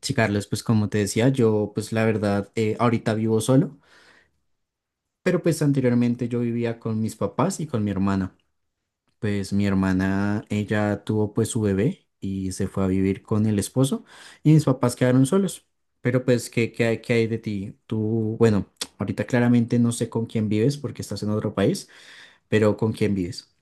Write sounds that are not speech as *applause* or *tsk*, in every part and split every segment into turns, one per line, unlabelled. Sí, Carlos, pues como te decía, yo pues la verdad ahorita vivo solo, pero pues anteriormente yo vivía con mis papás y con mi hermana. Pues mi hermana, ella tuvo pues su bebé y se fue a vivir con el esposo y mis papás quedaron solos. Pero pues, ¿qué hay de ti? Tú, bueno, *tsk* ahorita claramente no sé con quién vives porque estás en otro país, pero ¿con quién vives?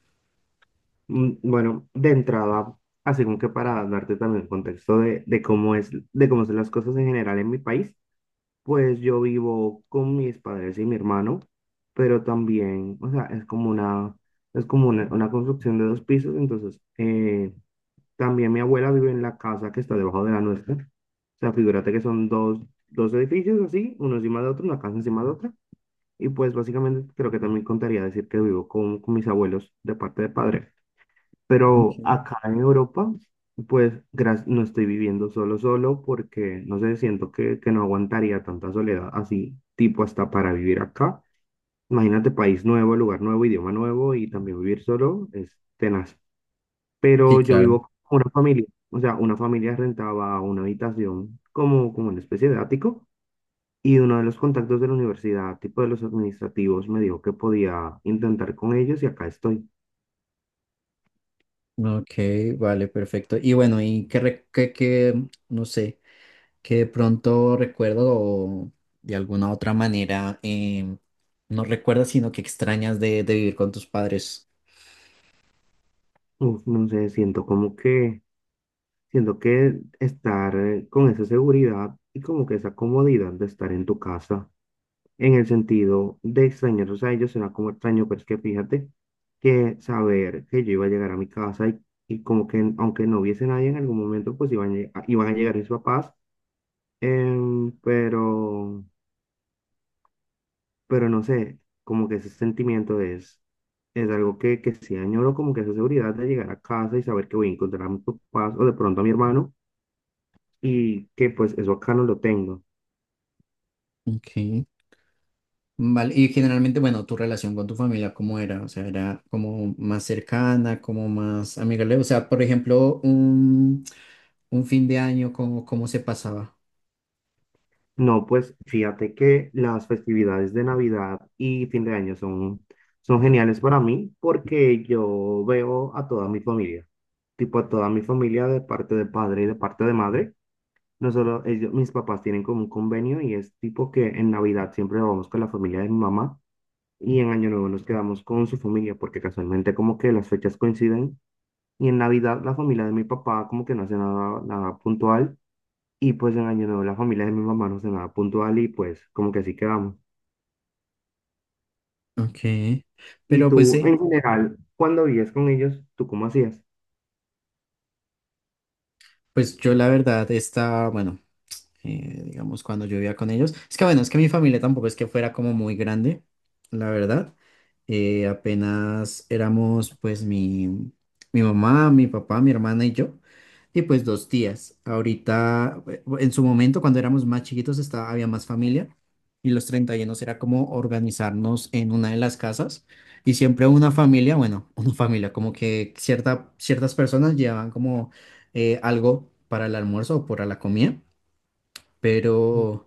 Bueno, de entrada, así como que para darte también el contexto de cómo es, de cómo son las cosas en general en mi país, pues yo vivo con mis padres y mi hermano, pero también, o sea, es como una construcción de dos pisos, entonces, también mi abuela vive en la casa que está debajo de la nuestra, o sea, figúrate que son dos edificios así, uno encima de otro, una casa encima de otra, y pues básicamente creo que también contaría decir que vivo con mis abuelos de parte de padre.
Ok.
Pero acá en Europa, pues no estoy viviendo solo, solo porque, no sé, siento que no aguantaría tanta soledad así, tipo hasta para vivir acá. Imagínate, país nuevo, lugar nuevo, idioma nuevo y también vivir solo es tenaz.
Sí,
Pero yo
claro.
vivo con una familia, o sea, una familia rentaba una habitación como una especie de ático, y uno de los contactos de la universidad, tipo de los administrativos, me dijo que podía intentar con ellos y acá estoy.
Ok, vale, perfecto. Y bueno, ¿y qué, re- qué, qué, no sé? Que de pronto recuerdo o de alguna otra manera, no recuerdas, sino que extrañas de vivir con tus padres.
Uf, no sé, siento como que siento que estar con esa seguridad y como que esa comodidad de estar en tu casa, en el sentido de extrañarlos a ellos, será como extraño, pero es que fíjate que saber que yo iba a llegar a mi casa y como que aunque no hubiese nadie en algún momento, pues iban a llegar mis papás, em, pero, pero no sé, como que ese sentimiento es algo que sí añoro, como que esa seguridad de llegar a casa y saber que voy a encontrar a mis papás o de pronto a mi hermano y que pues eso acá no lo tengo.
Ok. Vale, y generalmente, bueno, tu relación con tu familia, ¿cómo era? O sea, era como más cercana, como más amigable. O sea, por ejemplo, un fin de año, ¿cómo se pasaba?
No, pues fíjate que las festividades de Navidad y fin de año son geniales para mí porque yo veo a toda mi familia, tipo a toda mi familia de parte de padre y de parte de madre. No solo ellos, mis papás tienen como un convenio y es tipo que en Navidad siempre vamos con la familia de mi mamá y en Año Nuevo nos quedamos con su familia porque casualmente como que las fechas coinciden y en Navidad la familia de mi papá como que no hace nada, nada puntual. Y pues en Año Nuevo la familia de mi mamá nos cenaba puntual y pues como que así quedamos.
Ok.
Y
Pero pues
tú,
sí,
en general, cuando vivías con ellos, ¿tú cómo hacías?
pues yo la verdad estaba, bueno. Digamos, cuando yo vivía con ellos. Es que bueno, es que mi familia tampoco es que fuera como muy grande, la verdad. Apenas éramos pues mi mamá, mi papá, mi hermana y yo, y pues dos tías. Ahorita, en su momento, cuando éramos más chiquitos, estaba, había más familia. Y los 31 era como organizarnos en una de las casas. Y siempre una familia, bueno, *laughs* una familia, como que ciertas personas llevaban como algo para el almuerzo o para la comida,
Mm,
pero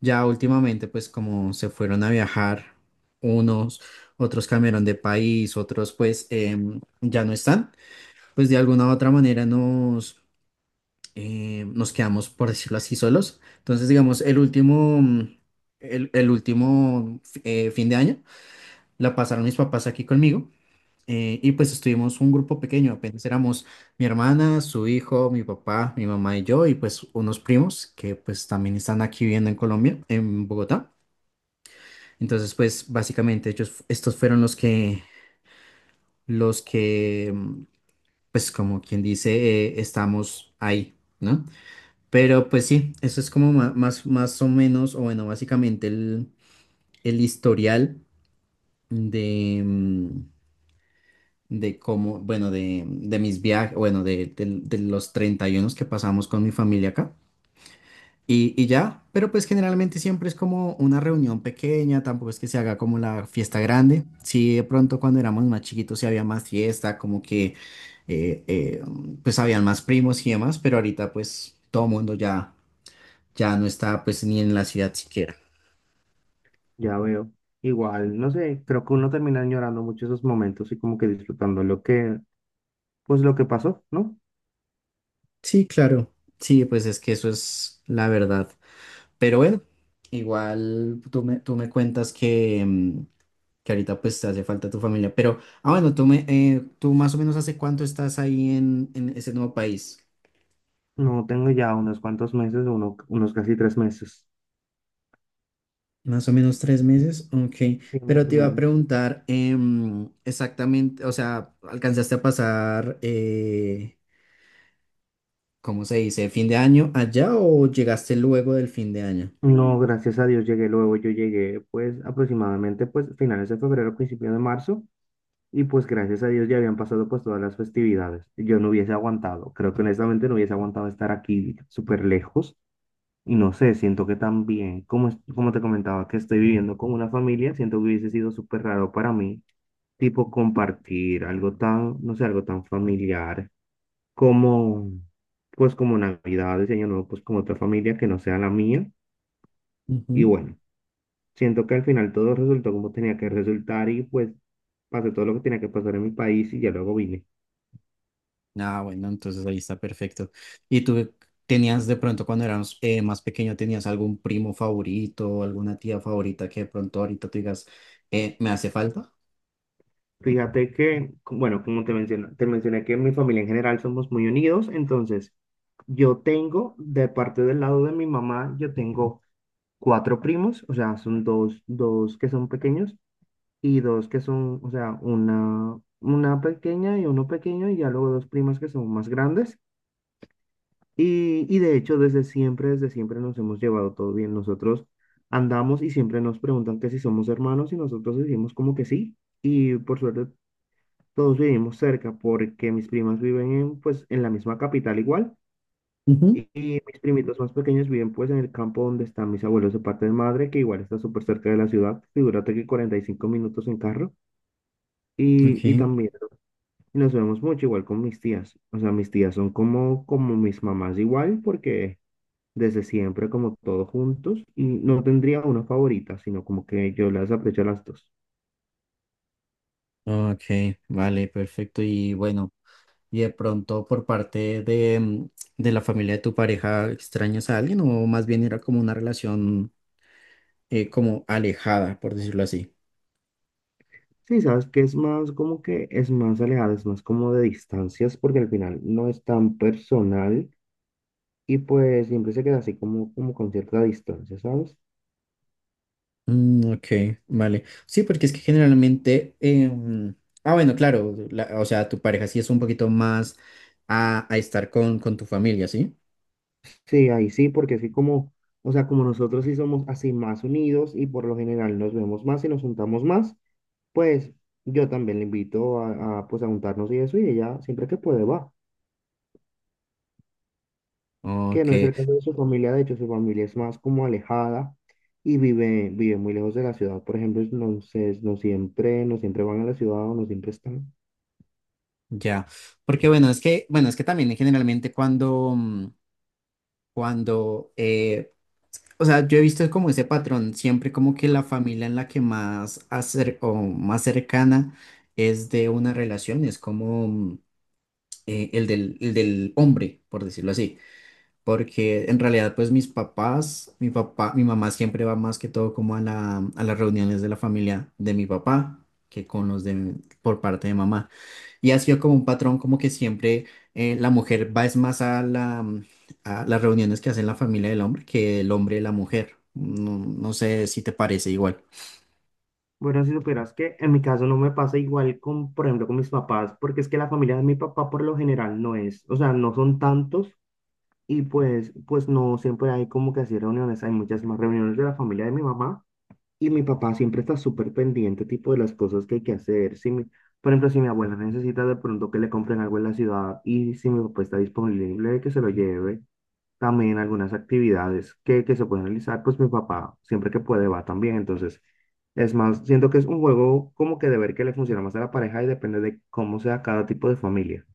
ya últimamente pues como se fueron a viajar unos, otros cambiaron de país, otros pues ya no están, pues de alguna u otra manera nos quedamos, por decirlo así, solos. Entonces digamos, el último fin de año la pasaron mis papás aquí conmigo. Y pues estuvimos un grupo pequeño, apenas éramos mi hermana, su hijo, mi papá, mi mamá y yo, y pues unos primos que pues también están aquí viviendo en Colombia, en Bogotá. Entonces pues básicamente ellos, estos fueron los que, pues como quien dice, estamos ahí, ¿no? Pero pues sí, eso es como más o menos, o bueno, básicamente el historial de de cómo, bueno, de mis viajes, bueno, de los 31 que pasamos con mi familia acá. Y ya, pero pues generalmente siempre es como una reunión pequeña, tampoco es que se haga como la fiesta grande. Sí, de pronto cuando éramos más chiquitos sí había más fiesta, como que eh, eh, pues habían más primos y demás, pero ahorita pues todo mundo ya no está pues ni en la ciudad siquiera.
ya veo. Igual, no sé, creo que uno termina añorando mucho esos momentos y como que disfrutando lo que, pues lo que pasó, ¿no?
Sí, claro. Sí, pues es que eso es la verdad. Pero bueno, igual tú me cuentas que que ahorita pues te hace falta tu familia. Pero, ah, bueno, tú más o menos hace cuánto estás ahí en ese nuevo país.
No tengo ya unos cuantos meses, uno, unos casi tres meses.
Más o menos tres meses, ok.
Sí,
Pero
más o
te iba a
menos.
preguntar, exactamente, o sea, ¿alcanzaste a pasar, ¿cómo se dice, fin de año allá o llegaste luego del fin de año?
No, gracias a Dios llegué luego, yo llegué pues aproximadamente pues finales de febrero, principio de marzo. Y pues gracias a Dios ya habían pasado pues todas las festividades. Yo no hubiese aguantado, creo que honestamente no hubiese aguantado estar aquí súper lejos. Y no sé, siento que también, como, como te comentaba, que estoy viviendo con una familia, siento que hubiese sido súper raro para mí, tipo compartir algo tan, no sé, algo tan familiar como, pues como Navidades, Año Nuevo, pues con otra familia que no sea la mía. Y bueno, siento que al final todo resultó como tenía que resultar y pues pasé todo lo que tenía que pasar en mi país y ya luego vine.
Ah, bueno, entonces ahí está perfecto. ¿Y tú tenías de pronto cuando eras más pequeño, tenías algún primo favorito o alguna tía favorita que de pronto ahorita tú digas, me hace falta?
Fíjate que, bueno, como te mencioné que en mi familia en general somos muy unidos, entonces yo tengo, de parte del lado de mi mamá, yo tengo cuatro primos, o sea, son dos que son pequeños y dos que son, o sea, una pequeña y uno pequeño y ya luego dos primas que son más grandes. Y de hecho, desde siempre nos hemos llevado todo bien. Nosotros andamos y siempre nos preguntan que si somos hermanos y nosotros decimos como que sí. Y por suerte todos vivimos cerca porque mis primas viven en, pues, en la misma capital igual
Ujú.
y mis primitos más pequeños viven pues en el campo donde están mis abuelos de parte de madre, que igual está súper cerca de la ciudad, figúrate que 45 minutos en carro
Ok,
y también nos vemos mucho igual con mis tías, o sea, mis tías son como mis mamás igual porque desde siempre como todos juntos y no tendría una favorita, sino como que yo las aprecio a las dos.
ok, vale, perfecto. Y bueno, ¿y de pronto por parte de de la familia de tu pareja extrañas a alguien o más bien era como una relación como alejada, por decirlo así?
Sí, sabes que es más como que es más alejado, es más como de distancias, porque al final no es tan personal y pues siempre se queda así como con cierta distancia, ¿sabes?
Mm, ok, vale. Sí, porque es que generalmente, ah, bueno, claro, o sea, tu pareja sí es un poquito más a estar con tu familia, ¿sí?
Sí, ahí sí, porque así como, o sea, como nosotros sí somos así más unidos y por lo general nos vemos más y nos juntamos más, pues yo también le invito pues a juntarnos y eso y ella siempre que puede va. Que
Ok,
no es el caso de su familia, de hecho su familia es más como alejada y vive, vive muy lejos de la ciudad, por ejemplo, entonces no siempre, no siempre van a la ciudad o no siempre están.
ya. Porque bueno, es que también generalmente cuando, eh, o sea, yo he visto como ese patrón, siempre como que la familia en la que más o más cercana es de una relación, es como el del hombre, por decirlo así. Porque en realidad pues mis papás, mi papá, mi mamá siempre va más que todo como a a las reuniones de la familia de mi papá que con los de por parte de mamá. Y ha sido como un patrón como que siempre la mujer va es más a a las reuniones que hace la familia del hombre que el hombre y la mujer. No, no sé si te parece igual.
Bueno, si supieras que en mi caso no me pasa igual con, por ejemplo, con mis papás, porque es que la familia de mi papá por lo general no es, o sea, no son tantos y pues no siempre hay como que así reuniones, hay muchas más reuniones de la familia de mi mamá. Y mi papá siempre está súper pendiente, tipo, de las cosas que hay que hacer. Por ejemplo, si mi abuela necesita de pronto que le compren algo en la ciudad y si mi papá está disponible, que se lo lleve. También algunas actividades que se pueden realizar, pues mi papá siempre que puede va también. Entonces, es más, siento que es un juego como que de ver que le funciona más a la pareja y depende de cómo sea cada tipo de familia.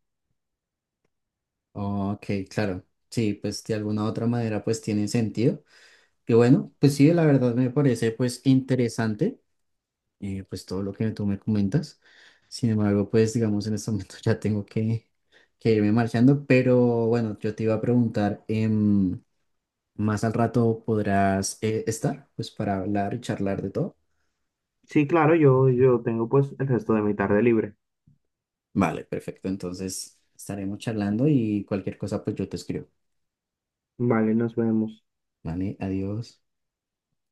Ok, claro. Sí, pues de alguna u otra manera pues tiene sentido. Y bueno, pues sí, la verdad me parece pues interesante. Pues todo lo que tú me comentas. Sin embargo, pues digamos en este momento *laughs* ya tengo que irme marchando, pero bueno, yo te iba a preguntar, más al rato podrás estar, pues para hablar y charlar de todo.
Sí, claro, yo tengo pues el resto de mi tarde libre.
Vale, perfecto. Entonces estaremos charlando y cualquier cosa, pues yo te escribo.
Vale, nos vemos.
Vale, adiós.